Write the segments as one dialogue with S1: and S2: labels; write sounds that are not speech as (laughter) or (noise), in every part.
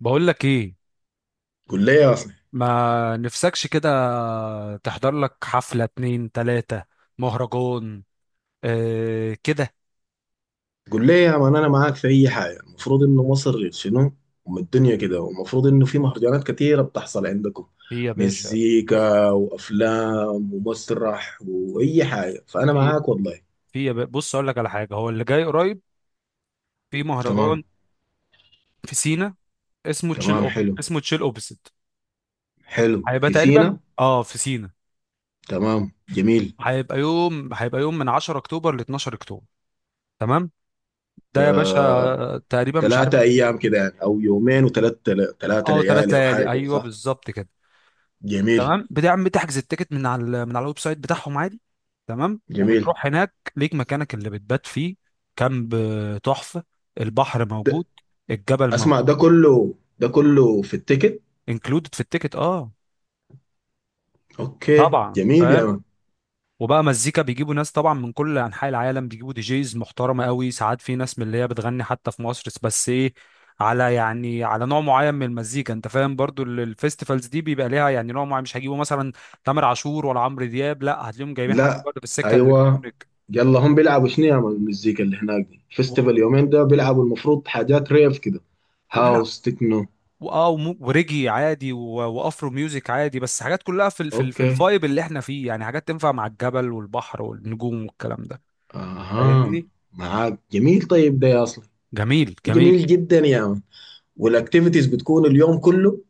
S1: بقول لك ايه؟
S2: قول لي يا اصلي،
S1: ما نفسكش كده، تحضر لك حفلة اتنين تلاتة، مهرجان. اه كده.
S2: قول لي يا مان، انا معاك في اي حاجه. المفروض انه مصر شنو؟ ام الدنيا كده، والمفروض انه في مهرجانات كتيره بتحصل عندكم.
S1: في يا باشا.
S2: مزيكا وافلام ومسرح واي حاجه، فانا
S1: في
S2: معاك والله.
S1: في يا باشا، بص اقول لك على حاجة. هو اللي جاي قريب في مهرجان
S2: تمام.
S1: في سينا،
S2: تمام، حلو.
S1: اسمه تشيل اوبسيت.
S2: حلو
S1: هيبقى
S2: في
S1: تقريبا
S2: سينا.
S1: في سينا.
S2: تمام، جميل.
S1: هيبقى يوم من 10 اكتوبر ل 12 اكتوبر. تمام، ده يا باشا تقريبا، مش عارف.
S2: 3 ايام كده يعني، او يومين وثلاث، ثلاثة
S1: اه، ثلاث
S2: ليالي او
S1: ليالي
S2: حاجه كده،
S1: ايوه
S2: صح؟
S1: بالظبط كده.
S2: جميل.
S1: تمام. بتعمل تحجز التيكت من على من على الويب سايت بتاعهم عادي. تمام،
S2: جميل
S1: وبتروح هناك ليك مكانك اللي بتبات فيه. كامب، تحفة. البحر موجود.
S2: ده.
S1: الجبل موجود.
S2: اسمع ده كله في التيكت.
S1: انكلودد في التيكت، اه.
S2: اوكي
S1: طبعا
S2: جميل يا
S1: فاهم.
S2: مان.
S1: وبقى مزيكا بيجيبوا ناس طبعا من كل انحاء العالم، بيجيبوا دي جيز محترمه قوي. ساعات في ناس من اللي هي بتغني حتى في مصر، بس ايه، على يعني على نوع معين من المزيكا. انت فاهم، برضو الفيستيفالز دي بيبقى ليها يعني نوع معين. مش هيجيبوا مثلا تامر عاشور ولا عمرو دياب، لا، هتلاقيهم جايبين حد
S2: لا.
S1: برضه في السكه
S2: ايوه.
S1: الالكترونيك.
S2: يلا هم بيلعبوا شنو يا مان؟ المزيكا اللي هناك دي فيستيفال
S1: وال-
S2: يومين، ده بيلعبوا المفروض حاجات ريف كده،
S1: كلها،
S2: هاوس، تكنو.
S1: اه، وريجي عادي وافرو ميوزك عادي. بس حاجات كلها في ال في, ال في
S2: اوكي.
S1: الفايب اللي احنا فيه، يعني حاجات تنفع مع الجبل والبحر والنجوم والكلام ده.
S2: اها.
S1: فاهمني؟
S2: معاك، جميل. طيب ده يا اصلا،
S1: جميل
S2: ده
S1: جميل.
S2: جميل جدا يا مان. والاكتيفيتيز بتكون اليوم كله،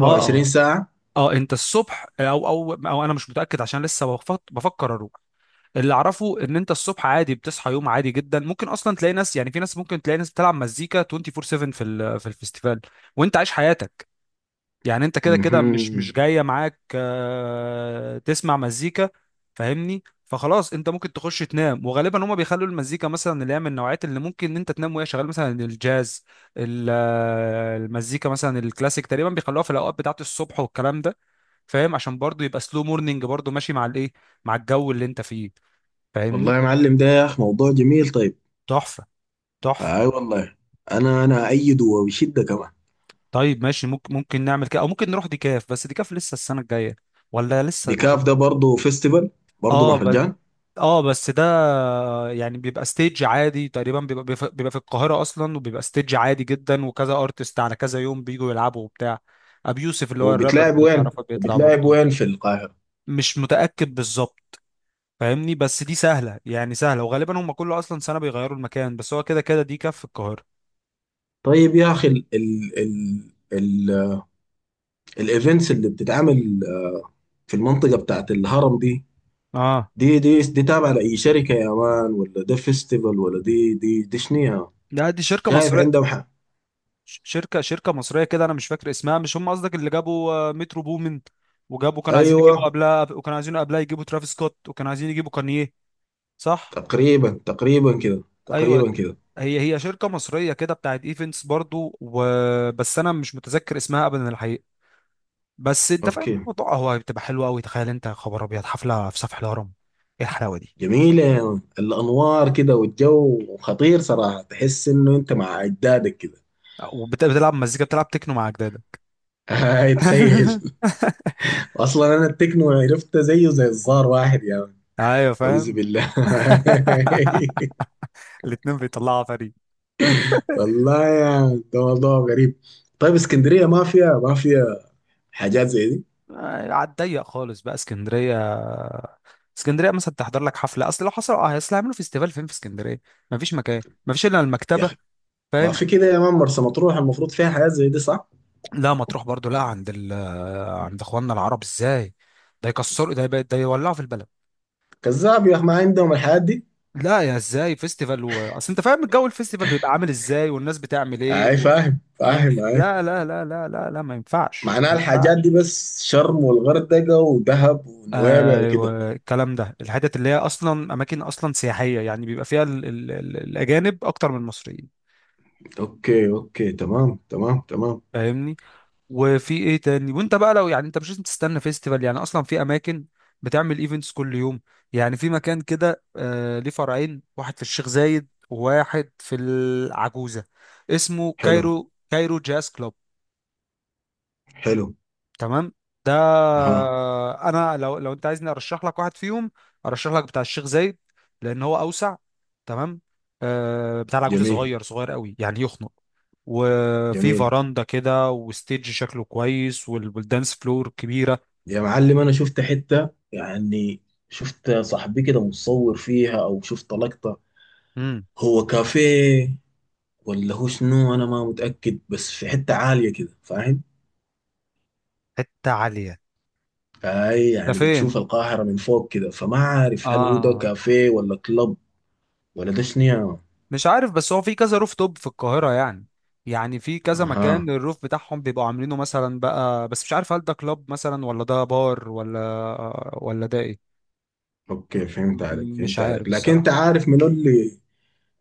S1: اه اه
S2: ساعة
S1: اه انت الصبح، او او او انا مش متاكد عشان لسه بفكر اروح. اللي اعرفه ان انت الصبح عادي بتصحى يوم عادي جدا. ممكن اصلا تلاقي ناس، يعني في ناس ممكن تلاقي ناس بتلعب مزيكا 24/7 في في الفيستيفال، وانت عايش حياتك. يعني انت كده كده مش
S2: مهم.
S1: جايه معاك، تسمع مزيكا. فاهمني؟ فخلاص انت ممكن تخش تنام، وغالبا هما بيخلوا المزيكا مثلا اللي هي من النوعات اللي ممكن ان انت تنام وهي شغاله، مثلا الجاز، المزيكا مثلا الكلاسيك تقريبا بيخلوها في الاوقات بتاعه الصبح والكلام ده. فاهم؟ عشان برضو يبقى سلو مورنينج، برضو ماشي مع الايه، مع الجو اللي انت فيه. فاهمني؟
S2: والله يا معلم، ده يا اخي موضوع جميل. طيب.
S1: تحفه تحفه.
S2: اي والله. انا ايده وبشدة كمان.
S1: طيب ماشي، ممكن نعمل كده، او ممكن نروح ديكاف، بس ديكاف لسه السنه الجايه ولا لسه ولا.
S2: بكاف ده برضه فيستيفال، برضه
S1: اه
S2: مهرجان.
S1: اه بس ده يعني بيبقى ستيج عادي. تقريبا بيبقى بيبقى في القاهرة أصلا، وبيبقى ستيج عادي جدا، وكذا أرتست على كذا يوم بيجوا يلعبوا وبتاع. أبي يوسف اللي هو الرابر
S2: وبتلعب
S1: اللي
S2: وين؟
S1: تعرفه بيطلع
S2: وبتلعب
S1: برضه.
S2: وين في القاهرة؟
S1: مش متأكد بالظبط. فاهمني؟ بس دي سهلة، يعني سهلة. وغالبا هم كل أصلا سنة بيغيروا المكان، بس هو كده كده دي كف القاهرة.
S2: طيب يا اخي، ال ال ال الايفنتس اللي بتتعمل في المنطقه بتاعت الهرم دي،
S1: اه،
S2: دي تابعه لاي شركه يا مان، ولا ده فيستيفال، ولا دي شنيها؟
S1: لا دي شركة
S2: شايف
S1: مصرية.
S2: عندهم حق.
S1: شركة مصرية كده. أنا مش فاكر اسمها. مش هم قصدك اللي جابوا، مترو بومن، وجابوا كانوا عايزين يجيبوا
S2: ايوه،
S1: قبلها، وكانوا عايزين قبلها يجيبوا ترافيس سكوت، وكانوا عايزين يجيبوا كانيه، صح؟
S2: تقريبا تقريبا كده،
S1: ايوه.
S2: تقريبا كده.
S1: هي هي شركه مصريه كده بتاعت ايفنتس برضو، وبس انا مش متذكر اسمها ابدا الحقيقه. بس انت فاهم
S2: اوكي.
S1: الموضوع، هو بتبقى حلوه قوي. تخيل انت يا خبر ابيض، حفله في سفح الهرم. ايه الحلاوه دي؟
S2: جميلة يا مان. الأنوار كده والجو خطير صراحة، تحس إنه أنت مع أجدادك كده.
S1: وبتلعب مزيكا، بتلعب تكنو مع اجدادك.
S2: هاي تخيل.
S1: (laughs)
S2: (laughs) أصلا أنا التكنو عرفته زيه زي الزار، واحد يا مان.
S1: ايوه
S2: أعوذ
S1: فاهم.
S2: بالله.
S1: (laughs)
S2: (laughs)
S1: الاتنين بيطلعوا فريق. (laughs)
S2: والله يا، ده موضوع غريب. طيب اسكندريه ما فيها، ما فيها حاجات زي دي؟
S1: على الضيق خالص بقى اسكندريه. اسكندريه مثلا تحضر لك حفله، اصل لو حصل، اصل هيعملوا فيستيفال فين في اسكندريه؟ مفيش مكان، مفيش الا
S2: يا
S1: المكتبه.
S2: اخي ما
S1: فاهم؟
S2: في كده يا مان، مرسى مطروح المفروض فيها حاجات زي دي، صح؟
S1: لا مطروح برضو لا، عند اخواننا العرب، ازاي؟ ده يكسروا ده، ده يولعوا في البلد.
S2: كذاب يا اخي، ما عندهم الحاجات دي.
S1: لا، يا ازاي فيستيفال و... اصل انت فاهم الجو الفيستيفال بيبقى عامل ازاي، والناس بتعمل ايه
S2: اي،
S1: و...
S2: فاهم
S1: ما
S2: فاهم
S1: ينف...
S2: اي.
S1: لا لا لا لا لا لا، ما ينفعش
S2: معناها
S1: ما
S2: الحاجات دي
S1: ينفعش.
S2: بس شرم والغردقه ودهب ونويبع وكده.
S1: ايوه الكلام ده، الحتت اللي هي اصلا اماكن اصلا سياحيه، يعني بيبقى فيها الاجانب اكتر من المصريين.
S2: اوكي اوكي. تمام تمام تمام.
S1: فاهمني؟ وفي ايه تاني؟ وانت بقى لو يعني انت مش لازم تستنى فيستيفال، يعني اصلا في اماكن بتعمل ايفنتس كل يوم. يعني في مكان كده، ليه فرعين، واحد في الشيخ زايد وواحد في العجوزة، اسمه
S2: حلو.
S1: كايرو جاز كلوب.
S2: حلو.
S1: تمام، ده.
S2: اها.
S1: انا لو انت عايزني ارشح لك واحد فيهم، ارشح لك بتاع الشيخ زايد، لان هو اوسع. تمام. بتاع العجوزة
S2: جميل.
S1: صغير صغير قوي، يعني يخنق. وفي
S2: جميل.
S1: فراندا كده، وستيج شكله كويس، والدانس فلور كبيرة.
S2: يا معلم، انا شفت حته يعني، شفت صاحبي كده متصور فيها، او شفت لقطه.
S1: امم.
S2: هو كافيه ولا هو شنو؟ انا ما متاكد، بس في حته عاليه كده فاهم.
S1: حتة عالية.
S2: فهي
S1: ده
S2: يعني
S1: فين؟
S2: بتشوف القاهره من فوق كده، فما عارف هل هو ده
S1: اه،
S2: كافيه ولا كلب، ولا ده شنو يا- مان.
S1: مش عارف، بس هو في كذا روف توب في القاهرة. يعني يعني في كذا
S2: اها.
S1: مكان الروف بتاعهم بيبقوا عاملينه مثلا بقى، بس مش عارف هل ده كلاب مثلا، ولا ده بار، ولا ده ايه.
S2: اوكي فهمت عليك
S1: مش
S2: فهمت
S1: عارف
S2: عليك، لكن انت
S1: الصراحة.
S2: عارف من اللي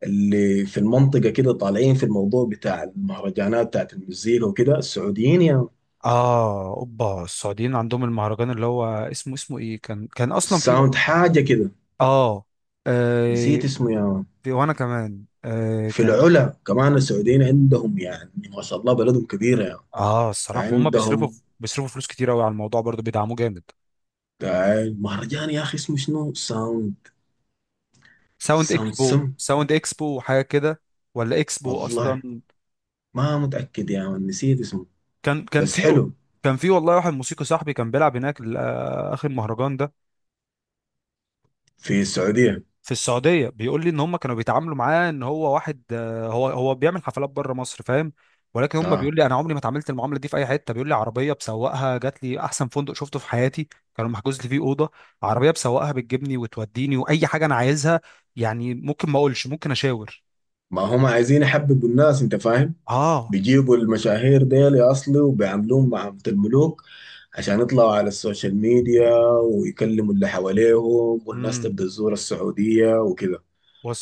S2: اللي في المنطقه كده طالعين في الموضوع بتاع المهرجانات بتاعت المزيكا وكده، السعوديين يا مان.
S1: اه، اوبا السعوديين عندهم المهرجان اللي هو اسمه ايه؟ كان اصلا في
S2: الساوند حاجه كده.
S1: اه، آه،
S2: نسيت اسمه يا مان.
S1: وانا كمان
S2: في
S1: كان.
S2: العلا كمان السعوديين عندهم، يعني ما شاء الله بلدهم كبيره يا،
S1: اه، الصراحة هم
S2: فعندهم.
S1: بيصرفوا، فلوس كتير قوي على الموضوع، برضو بيدعموه جامد.
S2: المهرجان يا اخي اسمه شنو؟ ساوند،
S1: ساوند
S2: ساوند
S1: اكسبو،
S2: سم،
S1: وحاجة كده، ولا اكسبو
S2: والله
S1: اصلا.
S2: ما متاكد يا من، نسيت اسمه.
S1: كان كان
S2: بس
S1: في
S2: حلو.
S1: كان في والله واحد موسيقي صاحبي كان بيلعب هناك اخر مهرجان ده،
S2: في السعوديه.
S1: في السعودية. بيقول لي ان هم كانوا بيتعاملوا معاه ان هو واحد، هو هو بيعمل حفلات بره مصر، فاهم. ولكن هم
S2: اه.
S1: بيقول لي انا عمري ما اتعاملت المعاملة دي في اي حتة. بيقول لي عربية بسوقها جات لي، احسن فندق شفته في حياتي كانوا محجوز لي فيه أوضة. عربية بسوقها بتجيبني وتوديني واي حاجة انا عايزها، يعني ممكن ما اقولش، ممكن اشاور.
S2: ما هم عايزين يحببوا الناس، انت فاهم.
S1: اه.
S2: بيجيبوا المشاهير ديل يا اصلي وبيعاملوهم معاملة الملوك، عشان يطلعوا على السوشيال ميديا ويكلموا اللي حواليهم، والناس
S1: امم.
S2: تبدا تزور السعوديه وكده.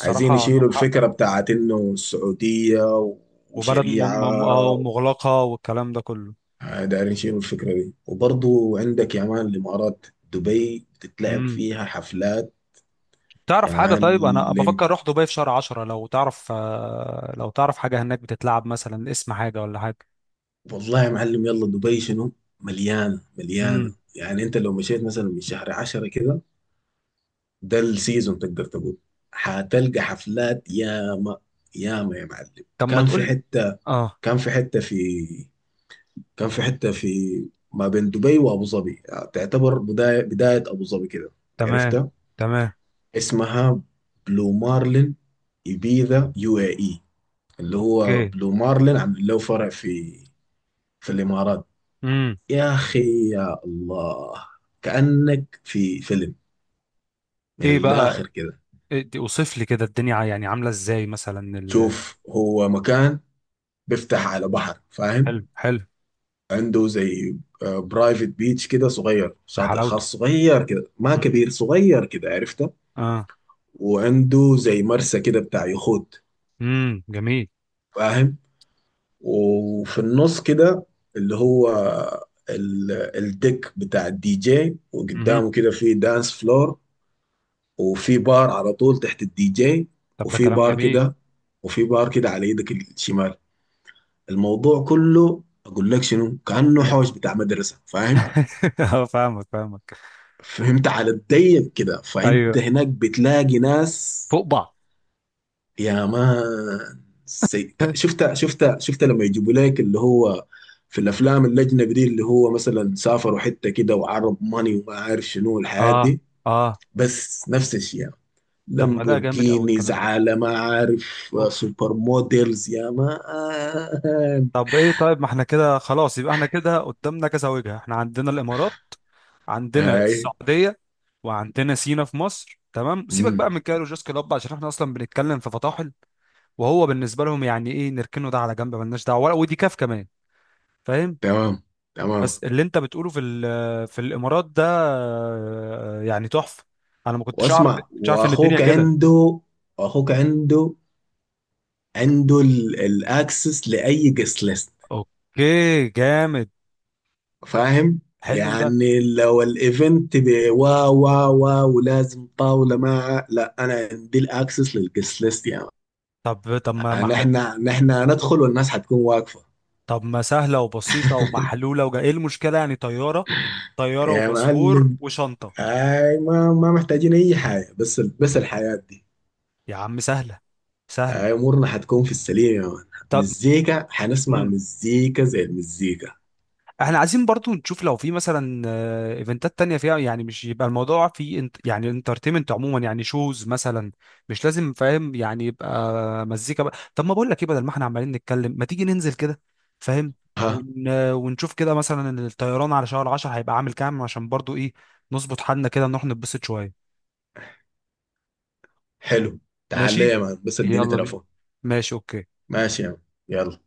S2: عايزين
S1: عندهم
S2: يشيلوا
S1: حق.
S2: الفكره بتاعت انه السعوديه
S1: وبلد
S2: وشريعه.
S1: مغلقة والكلام ده كله.
S2: دايرين يشيلوا الفكرة دي، وبرضو عندك يا مان الإمارات، دبي بتتلعب
S1: امم.
S2: فيها حفلات.
S1: تعرف
S2: يا
S1: حاجة؟ طيب أنا
S2: معلم،
S1: بفكر أروح دبي في شهر 10، لو تعرف حاجة هناك بتتلعب مثلا، اسم حاجة ولا حاجة.
S2: والله يا معلم، يلا دبي شنو؟ مليانة مليانة.
S1: امم.
S2: يعني أنت لو مشيت مثلا من شهر 10 كده، ده السيزون تقدر تقول. هتلقى حفلات ياما، ياما يا معلم.
S1: طب ما
S2: كان في
S1: تقول.
S2: حتة
S1: اه،
S2: كان في حتة في كان في حتة في ما بين دبي وأبو ظبي، يعني تعتبر بداية، بداية أبو ظبي كده.
S1: تمام
S2: عرفتها؟
S1: تمام.
S2: اسمها بلو مارلين إبيزا يو اي اي، اللي هو
S1: اوكي.
S2: بلو مارلين عامل له فرع في، في الإمارات.
S1: امم.
S2: يا أخي يا الله، كأنك في فيلم من
S1: ايه
S2: الآخر
S1: بقى؟
S2: كده.
S1: اوصف لي كده الدنيا، يعني عاملة ازاي مثلا
S2: شوف، هو مكان بيفتح على بحر فاهم.
S1: حلو حلو.
S2: عنده زي برايفت بيتش كده صغير،
S1: يا
S2: شاطئ
S1: حلاوته.
S2: خاص صغير كده، ما
S1: امم.
S2: كبير صغير كده، عرفته.
S1: اه.
S2: وعنده زي مرسى كده بتاع يخوت
S1: امم، جميل.
S2: فاهم. وفي النص كده اللي هو ال- الديك بتاع الدي جي،
S1: امم.
S2: وقدامه كده في دانس فلور، وفي بار على طول تحت الدي جي،
S1: طب ده
S2: وفي
S1: كلام
S2: بار
S1: جميل.
S2: كده، وفي بار كده على ايدك الشمال. الموضوع كله اقول لك شنو، كأنه
S1: امم.
S2: حوش بتاع مدرسة فاهم.
S1: (laughs) اه، فاهمك فاهمك.
S2: فهمت على الضيق كده، فانت
S1: ايوه،
S2: هناك بتلاقي ناس
S1: فوق بعض.
S2: يا مان. سي... ك-
S1: (laughs)
S2: شفتها شفتها شفتها، لما يجيبوا لك اللي هو في الافلام الاجنبي دي، اللي هو مثلا سافروا حته كده وعرب ماني وما عارف شنو الحياه
S1: اه
S2: دي،
S1: اه
S2: بس نفس الشيء يعني.
S1: طب ما ده جامد قوي
S2: لامبورجينيز
S1: الكلام ده.
S2: على ما عارف،
S1: اوف.
S2: سوبر موديلز يا مان.
S1: طب ايه، طيب ما احنا كده خلاص، يبقى احنا كده قدامنا كذا وجهة. احنا عندنا الامارات، عندنا
S2: هاي.
S1: السعودية، وعندنا سينا في مصر. تمام. سيبك
S2: مم.
S1: بقى من كايرو جوز كلوب عشان احنا اصلا بنتكلم في فطاحل، وهو بالنسبة لهم يعني ايه، نركنه ده على جنب ملناش دعوة، ودي كاف كمان. فاهم.
S2: تمام تمام.
S1: بس اللي انت بتقوله في في الامارات ده، يعني تحفة. انا ما كنتش اعرف،
S2: واسمع،
S1: ان الدنيا
S2: واخوك
S1: كده.
S2: عنده، اخوك عنده، عنده الاكسس لاي قصه
S1: اوكي جامد.
S2: فاهم.
S1: حلو ده.
S2: يعني لو الايفنت ب- وا وا وا ولازم طاوله مع، لا انا عندي الاكسس للجست ليست يعني.
S1: طب طب ما ما
S2: يعني احنا نحن هندخل والناس حتكون واقفه.
S1: طب ما سهلة وبسيطة ومحلولة، وجا ايه المشكلة يعني؟ طيارة، طيارة
S2: يا
S1: وباسبور
S2: معلم،
S1: وشنطة.
S2: اي ما محتاجين اي حاجه، بس الحياه دي.
S1: يا عم سهلة، سهلة.
S2: اي امورنا حتكون في السليم يا مان.
S1: طب.
S2: مزيكا، حنسمع
S1: مم.
S2: مزيكا زي المزيكا.
S1: احنا عايزين برضو نشوف لو في مثلا، ايفنتات تانية فيها. يعني مش يبقى الموضوع في، انت يعني انترتينمنت عموما، يعني شوز مثلا، مش لازم. فاهم يعني، يبقى مزيكا بقى. طب ما بقول لك ايه، بدل ما احنا عمالين نتكلم، ما تيجي ننزل كده. فاهم.
S2: ها.
S1: ونشوف كده مثلا الطيران على شهر 10 هيبقى عامل كام، عشان برضو ايه، نظبط حالنا كده، نروح نتبسط شوية.
S2: حلو. تعال لي
S1: ماشي.
S2: يا مان، بس اديني
S1: يلا بينا.
S2: تليفون.
S1: ماشي اوكي.
S2: ماشي يا مان، يلا.